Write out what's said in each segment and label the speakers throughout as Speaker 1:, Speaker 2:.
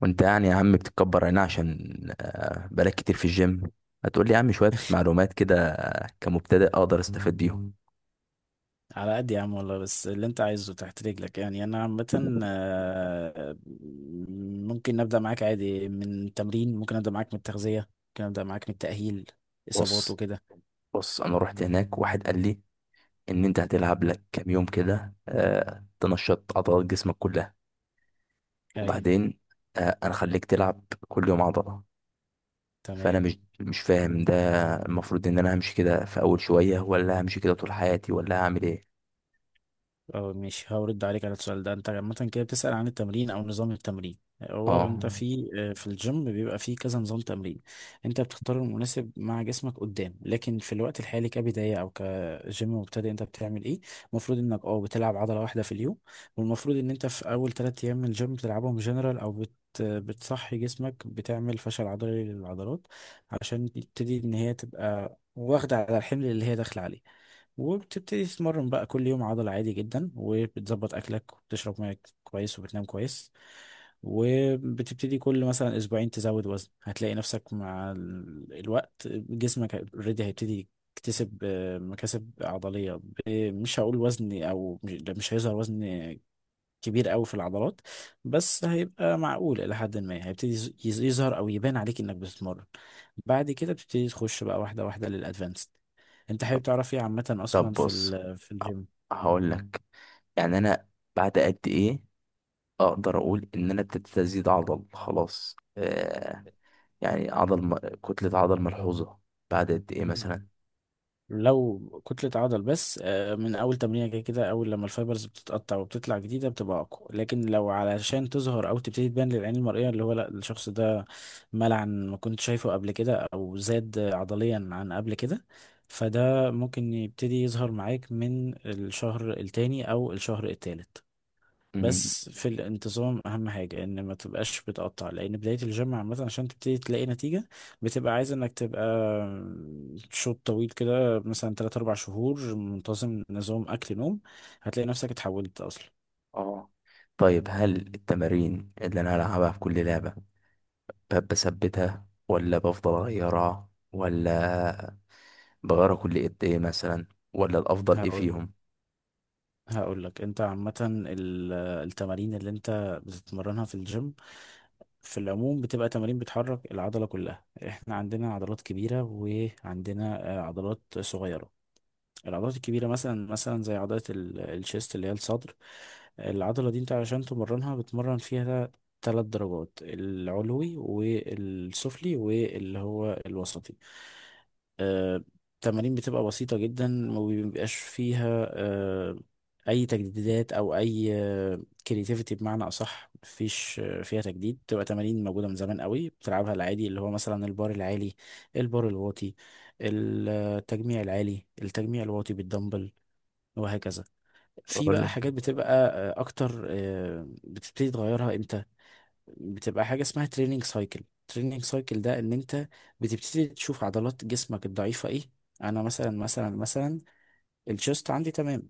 Speaker 1: وانت يعني يا عم بتتكبر هنا عشان بقالك كتير في الجيم. هتقول لي يا عم شوية معلومات كده كمبتدئ اقدر استفاد بيهم.
Speaker 2: على قد يا عم والله، بس اللي انت عايزه تحت رجلك. يعني انا عامة ممكن نبدأ معاك عادي من التمرين، ممكن ابدأ معاك من التغذية، ممكن ابدأ معاك من التأهيل اصابات
Speaker 1: بص
Speaker 2: وكده.
Speaker 1: بص، انا رحت هناك واحد قال لي ان انت هتلعب لك كام يوم كده تنشط عضلات جسمك كلها
Speaker 2: ايوه.
Speaker 1: وبعدين. انا خليك تلعب كل يوم عضلة. فانا
Speaker 2: تمام.
Speaker 1: مش فاهم ده. المفروض ان انا همشي كده في اول شوية ولا همشي كده طول حياتي ولا هعمل ايه؟
Speaker 2: اه، مش هرد عليك على السؤال ده. انت عامة كده بتسأل عن التمرين او نظام التمرين. هو
Speaker 1: اه.
Speaker 2: انت في الجيم بيبقى فيه كذا نظام تمرين. انت بتختار المناسب مع جسمك قدام، لكن في الوقت الحالي كبداية او كجيم مبتدئ انت بتعمل ايه؟ المفروض انك بتلعب عضلة واحدة في اليوم. والمفروض ان انت في اول ثلاث ايام من الجيم بتلعبهم جنرال او بتصحي جسمك، بتعمل فشل عضلي للعضلات عشان تبتدي ان هي تبقى واخدة على الحمل اللي هي داخلة عليه. وبتبتدي تتمرن بقى كل يوم عضل عادي جدا، وبتظبط اكلك وبتشرب ميه كويس وبتنام كويس، وبتبتدي كل مثلا اسبوعين تزود وزن. هتلاقي نفسك مع الوقت جسمك اوريدي هيبتدي يكتسب مكاسب عضلية. مش هقول وزن، او مش ده، مش هيظهر وزن كبير قوي في العضلات، بس هيبقى معقول الى حد ما. هيبتدي يظهر او يبان عليك انك بتتمرن. بعد كده بتبتدي تخش بقى واحده واحده للادفانسد. انت
Speaker 1: طب
Speaker 2: حابب تعرف ايه عامه
Speaker 1: طب
Speaker 2: اصلا في
Speaker 1: بص، ه-
Speaker 2: الجيم؟
Speaker 1: هقول لك. يعني انا بعد قد ايه اقدر اقول ان انا ابتديت ازيد عضل خلاص يعني عضل كتلة عضل ملحوظة، بعد قد ايه مثلا؟
Speaker 2: لو كتلة عضل بس، من أول تمرينة كده كده، أول لما الفايبرز بتتقطع وبتطلع جديدة بتبقى أقوى. لكن لو علشان تظهر أو تبتدي تبان للعين المرئية، اللي هو لأ، الشخص ده مال عن ما كنت شايفه قبل كده أو زاد عضليا عن قبل كده، فده ممكن يبتدي يظهر معاك من الشهر التاني أو الشهر التالت.
Speaker 1: مم.
Speaker 2: بس في الانتظام اهم حاجة، ان ما تبقاش بتقطع، لان بداية الجيم عامة عشان تبتدي تلاقي نتيجة بتبقى عايز انك تبقى شوط طويل كده، مثلا 3 4 شهور منتظم، نظام اكل نوم، هتلاقي نفسك اتحولت اصلا.
Speaker 1: اه. طيب، هل التمارين اللي انا هلعبها في كل لعبة بثبتها ولا بفضل اغيرها، ولا بغيرها كل قد ايه مثلا؟ ولا الافضل ايه
Speaker 2: هقول
Speaker 1: فيهم؟
Speaker 2: هقول لك، انت عامة التمارين اللي انت بتتمرنها في الجيم في العموم بتبقى تمارين بتحرك العضلة كلها. احنا عندنا عضلات كبيرة وعندنا عضلات صغيرة. العضلات الكبيرة مثلا زي عضلة الشيست اللي هي الصدر. العضلة دي انت علشان تمرنها بتمرن فيها ثلاث درجات، العلوي والسفلي واللي هو الوسطي. آه، التمارين بتبقى بسيطة جدا، ما بيبقاش فيها أي تجديدات أو أي كرياتيفيتي. بمعنى أصح مفيش فيها تجديد. بتبقى تمارين موجودة من زمان قوي بتلعبها العادي، اللي هو مثلا البار العالي، البار الواطي، التجميع العالي، التجميع الواطي بالدمبل، وهكذا. في
Speaker 1: اقول
Speaker 2: بقى
Speaker 1: لك.
Speaker 2: حاجات بتبقى اكتر. بتبتدي تغيرها امتى؟ بتبقى حاجه اسمها تريننج سايكل. تريننج سايكل ده ان انت بتبتدي تشوف عضلات جسمك الضعيفه ايه. انا مثلا، الشيست عندي تمام.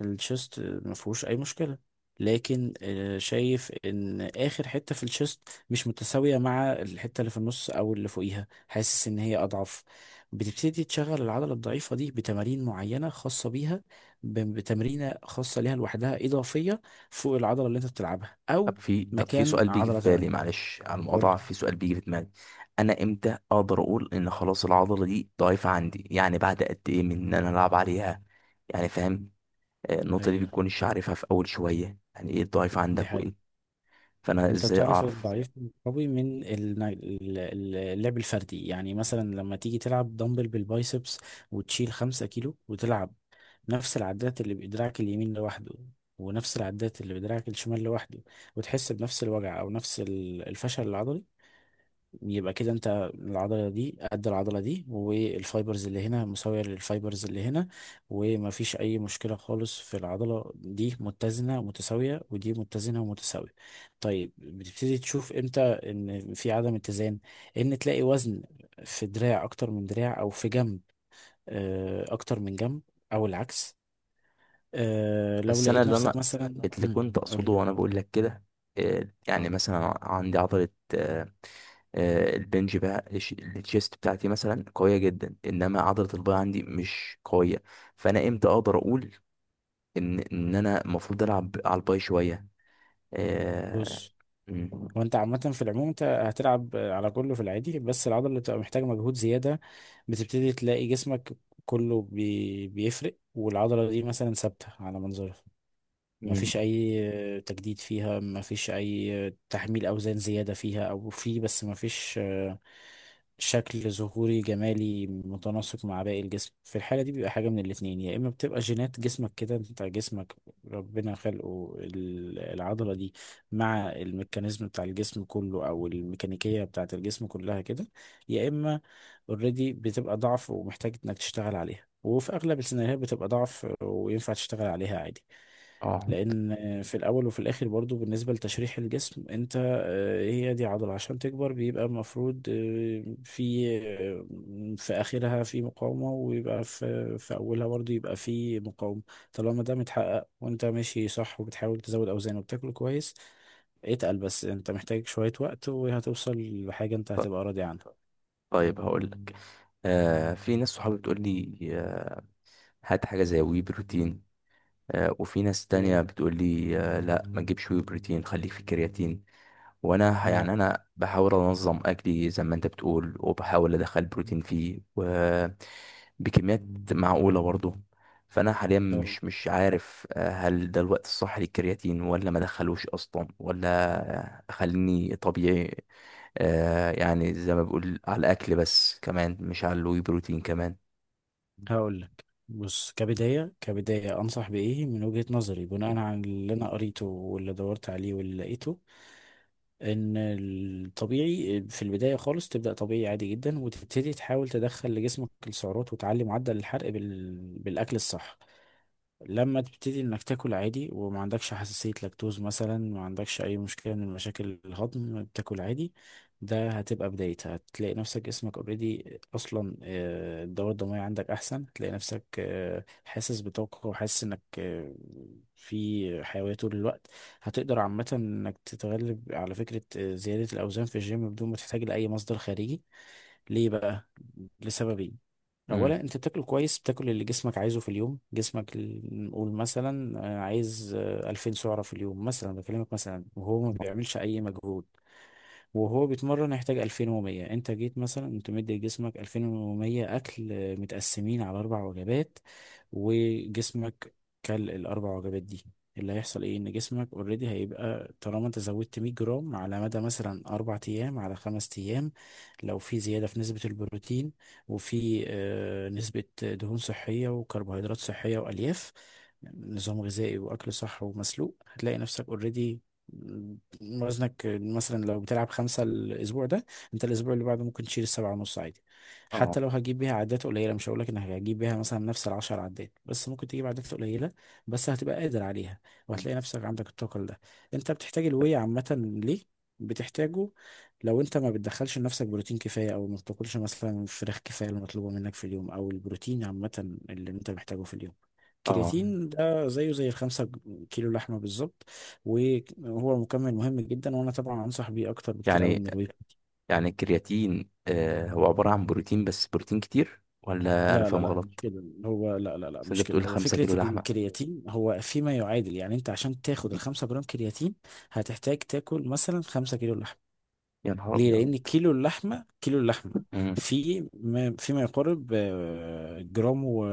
Speaker 2: الشيست ما فيهوش اي مشكله، لكن شايف ان اخر حته في الشيست مش متساويه مع الحته اللي في النص او اللي فوقيها، حاسس ان هي اضعف. بتبتدي تشغل العضله الضعيفه دي بتمارين معينه خاصه بيها، بتمرينه خاصه ليها لوحدها اضافيه فوق العضله اللي انت بتلعبها او
Speaker 1: طب في سؤال
Speaker 2: مكان
Speaker 1: بيجي في
Speaker 2: عضله
Speaker 1: بالي،
Speaker 2: تانية.
Speaker 1: معلش على
Speaker 2: قول.
Speaker 1: المقاطعة، في سؤال بيجي في دماغي. أنا إمتى أقدر أقول إن خلاص العضلة دي ضعيفة عندي؟ يعني بعد قد إيه من إن أنا ألعب عليها؟ يعني فاهم؟ النقطة دي
Speaker 2: ايوه،
Speaker 1: بتكونش عارفها في أول شوية، يعني إيه الضعيف
Speaker 2: دي
Speaker 1: عندك وإيه.
Speaker 2: حقيقة.
Speaker 1: فأنا
Speaker 2: انت
Speaker 1: إزاي
Speaker 2: بتعرف
Speaker 1: أعرف؟
Speaker 2: الضعيف من القوي من اللعب الفردي. يعني مثلا لما تيجي تلعب دمبل بالبايسبس وتشيل خمسة كيلو، وتلعب نفس العدات اللي بدراعك اليمين لوحده، ونفس العدات اللي بدراعك الشمال لوحده، وتحس بنفس الوجع او نفس الفشل العضلي، يبقى كده انت العضلة دي قد العضلة دي، والفايبرز اللي هنا مساوية للفايبرز اللي هنا، ومفيش أي مشكلة خالص. في العضلة دي متزنة ومتساوية ودي متزنة ومتساوية. طيب، بتبتدي تشوف امتى ان في عدم اتزان؟ ان تلاقي وزن في دراع أكتر من دراع، أو في جنب أكتر من جنب، أو العكس. لو
Speaker 1: بس أنا
Speaker 2: لقيت
Speaker 1: اللي
Speaker 2: نفسك
Speaker 1: أنا
Speaker 2: مثلا،
Speaker 1: اللي كنت
Speaker 2: قول.
Speaker 1: أقصده وأنا بقول لك كده. يعني
Speaker 2: اه،
Speaker 1: مثلا عندي عضلة، آه، البنج بقى الشيست بتاعتي مثلا قوية جدا، إنما عضلة الباي عندي مش قوية. فانا امتى اقدر اقول ان انا المفروض العب على الباي شويه آه...
Speaker 2: بص.
Speaker 1: مم.
Speaker 2: وانت عامة في العموم انت هتلعب على كله في العادي، بس العضلة اللي بتبقى محتاجة مجهود زيادة، بتبتدي تلاقي جسمك كله بيفرق، والعضلة دي مثلا ثابتة على منظرها. ما
Speaker 1: مم.
Speaker 2: فيش اي تجديد فيها، ما فيش اي تحميل اوزان زيادة فيها، او في بس ما فيش شكل ظهوري جمالي متناسق مع باقي الجسم. في الحالة دي بيبقى حاجة من الاتنين، يا اما بتبقى جينات جسمك كده، انت جسمك ربنا خلقه العضلة دي مع الميكانيزم بتاع الجسم كله، او الميكانيكية بتاعة الجسم كلها كده، يا اما اوريدي بتبقى ضعف ومحتاج انك تشتغل عليها. وفي اغلب السيناريوهات بتبقى ضعف وينفع تشتغل عليها عادي.
Speaker 1: اه.
Speaker 2: لان في الاول وفي الاخر، برضو بالنسبه لتشريح الجسم، انت هي دي عضله، عشان تكبر بيبقى المفروض في اخرها في مقاومه، ويبقى في اولها برضو يبقى في مقاومه. طالما ده متحقق وانت ماشي صح وبتحاول تزود اوزان وبتاكل كويس، اتقل، بس انت محتاج شويه وقت وهتوصل لحاجه انت
Speaker 1: ط-
Speaker 2: هتبقى راضي عنها.
Speaker 1: طيب هقول لك. في ناس صحابي بتقول لي هات حاجه زي وي بروتين. وفي ناس
Speaker 2: اه.
Speaker 1: تانية بتقول لي لا ما تجيبش وي بروتين، خليك في كرياتين. وانا يعني انا بحاول انظم اكلي زي ما انت بتقول، وبحاول ادخل بروتين فيه، و بكميات معقوله برضه. فانا حاليا
Speaker 2: اه،
Speaker 1: مش عارف هل ده الوقت الصح للكرياتين ولا ما ادخلوش اصلا ولا اخليني طبيعي. يعني زي ما بقول على الاكل، بس كمان مش على الواي بروتين كمان.
Speaker 2: هقول لك. بص، كبداية أنصح بإيه من وجهة نظري بناء على اللي أنا قريته واللي دورت عليه واللي لقيته. إن الطبيعي في البداية خالص تبدأ طبيعي عادي جدا وتبتدي تحاول تدخل لجسمك السعرات وتعلي معدل الحرق بالأكل الصح. لما تبتدي انك تاكل عادي، وما عندكش حساسية لاكتوز مثلا، ما عندكش اي مشكلة من مشاكل الهضم، بتاكل عادي، ده هتبقى بدايتها. هتلاقي نفسك جسمك اوريدي اصلا الدورة الدموية عندك احسن، هتلاقي نفسك حاسس بطاقة وحاسس انك في حيوية طول الوقت. هتقدر عامة انك تتغلب على فكرة زيادة الاوزان في الجيم بدون ما تحتاج لاي مصدر خارجي. ليه بقى؟ لسببين.
Speaker 1: امم
Speaker 2: اولا، انت بتاكل كويس، بتاكل اللي جسمك عايزه في اليوم. جسمك نقول مثلا عايز 2000 سعره في اليوم مثلا، بكلمك مثلا وهو ما بيعملش اي مجهود. وهو بيتمرن يحتاج 2100، انت جيت مثلا انت مدي لجسمك 2100 اكل متقسمين على اربع وجبات، وجسمك كل الاربع وجبات دي، اللي هيحصل ايه ان جسمك اوريدي هيبقى طالما انت زودت 100 جرام على مدى مثلا اربع ايام على خمس ايام، لو في زياده في نسبه البروتين وفي نسبه دهون صحيه وكربوهيدرات صحيه والياف، نظام غذائي واكل صح ومسلوق، هتلاقي نفسك اوريدي وزنك مثلا لو بتلعب خمسة الأسبوع ده، أنت الأسبوع اللي بعده ممكن تشيل السبعة ونص عادي. حتى
Speaker 1: اه
Speaker 2: لو هجيب بيها عدات قليلة، مش هقولك إنك هجيب بيها مثلا نفس العشر عدات، بس ممكن تجيب عدات قليلة، بس هتبقى قادر عليها، وهتلاقي نفسك عندك الطاقة ده. أنت بتحتاج الوي عامة. ليه؟ بتحتاجه لو انت ما بتدخلش لنفسك بروتين كفايه، او ما بتاكلش مثلا فراخ كفايه اللي مطلوبه منك في اليوم، او البروتين عامه اللي انت محتاجه في اليوم.
Speaker 1: اه.
Speaker 2: كرياتين ده زيه زي الخمسة كيلو لحمة بالظبط. وهو مكمل مهم جدا وانا طبعا انصح بيه اكتر بكتير قوي
Speaker 1: يعني
Speaker 2: من الويب.
Speaker 1: يعني الكرياتين هو عباره عن بروتين، بس بروتين كتير ولا انا
Speaker 2: لا لا
Speaker 1: فاهم؟
Speaker 2: لا، مش كده هو، لا لا لا،
Speaker 1: بس انت
Speaker 2: مش كده
Speaker 1: بتقول
Speaker 2: هو.
Speaker 1: خمسة
Speaker 2: فكره
Speaker 1: كيلو لحمة
Speaker 2: الكرياتين هو فيما يعادل، يعني انت عشان تاخد الخمسة جرام كرياتين هتحتاج تاكل مثلا خمسة كيلو لحمه.
Speaker 1: يا نهار
Speaker 2: ليه؟
Speaker 1: ابيض.
Speaker 2: لان كيلو اللحمه، كيلو اللحمه
Speaker 1: مم.
Speaker 2: في ما فيما يقارب جرام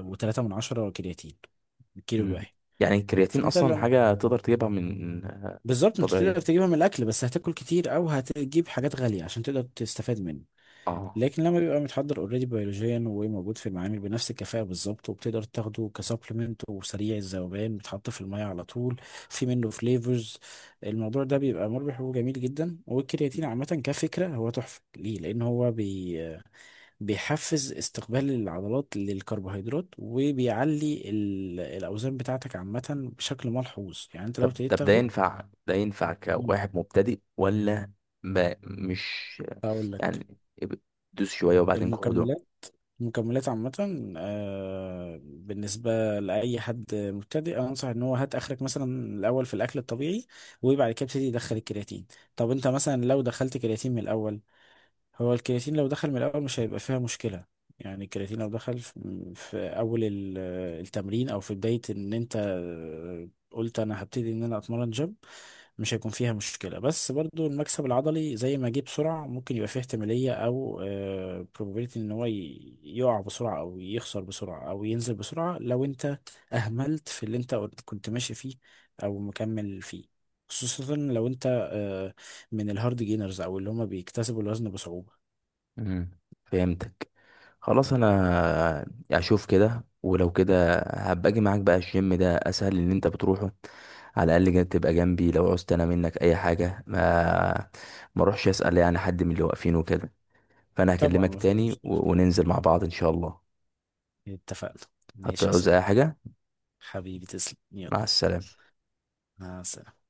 Speaker 2: وتلاتة من عشرة كرياتين الكيلو
Speaker 1: مم.
Speaker 2: الواحد.
Speaker 1: يعني الكرياتين
Speaker 2: فانت
Speaker 1: اصلا
Speaker 2: لما،
Speaker 1: حاجة تقدر تجيبها من
Speaker 2: بالظبط، انت تقدر
Speaker 1: طبيعية.
Speaker 2: تجيبها من الاكل بس هتاكل كتير، او هتجيب حاجات غاليه عشان تقدر تستفاد منه.
Speaker 1: اه.
Speaker 2: لكن لما بيبقى متحضر اوريدي بيولوجيا وموجود في المعامل بنفس الكفاءة بالظبط، وبتقدر تاخده كسبلمنت وسريع الذوبان بيتحط في المية على طول، في منه فليفرز، الموضوع ده بيبقى مربح وجميل جدا. والكرياتين عامة كفكرة هو تحفة. ليه؟ لأن هو بيحفز استقبال العضلات للكربوهيدرات وبيعلي الأوزان بتاعتك عامة بشكل ملحوظ. يعني أنت لو
Speaker 1: طب
Speaker 2: ابتديت
Speaker 1: طب ده
Speaker 2: تاخده.
Speaker 1: ينفع ده ينفع
Speaker 2: مم.
Speaker 1: كواحد مبتدئ ولا ما مش
Speaker 2: أقول لك.
Speaker 1: يعني اب- دوس شوية وبعدين قعدوا؟
Speaker 2: المكملات مكملات عامة بالنسبة لأي حد مبتدئ، أنصح إن هو هات آخرك مثلا الأول في الأكل الطبيعي، وبعد كده ابتدي يدخل الكرياتين. طب أنت مثلا لو دخلت كرياتين من الأول، هو الكرياتين لو دخل من الأول مش هيبقى فيها مشكلة. يعني الكرياتين لو دخل في أول التمرين، أو في بداية إن أنت قلت أنا هبتدي إن أنا أتمرن جيم، مش هيكون فيها مشكلة. بس برضو المكسب العضلي زي ما جه بسرعة ممكن يبقى فيه احتمالية أو probability، إن هو يقع بسرعة أو يخسر بسرعة أو ينزل بسرعة لو أنت أهملت في اللي أنت كنت ماشي فيه أو مكمل فيه، خصوصا لو أنت آه، من الهارد جينرز أو اللي هما بيكتسبوا الوزن بصعوبة.
Speaker 1: مم. فهمتك. خلاص انا اشوف كده، ولو كده هبقى اجي معاك بقى الجيم ده، اسهل ان انت بتروحه. على الاقل كده تبقى جنبي لو عوزت انا منك اي حاجه، ما اروحش اسال يعني حد من اللي واقفين وكده. فانا
Speaker 2: طبعا
Speaker 1: هكلمك
Speaker 2: مفيش
Speaker 1: تاني
Speaker 2: مشكلة.
Speaker 1: وننزل مع بعض ان شاء الله.
Speaker 2: اتفقنا. ماشي يا
Speaker 1: هتعوز اي
Speaker 2: صديقي.
Speaker 1: حاجه.
Speaker 2: حبيبي تسلم، يلا.
Speaker 1: مع السلامه.
Speaker 2: مع السلامة.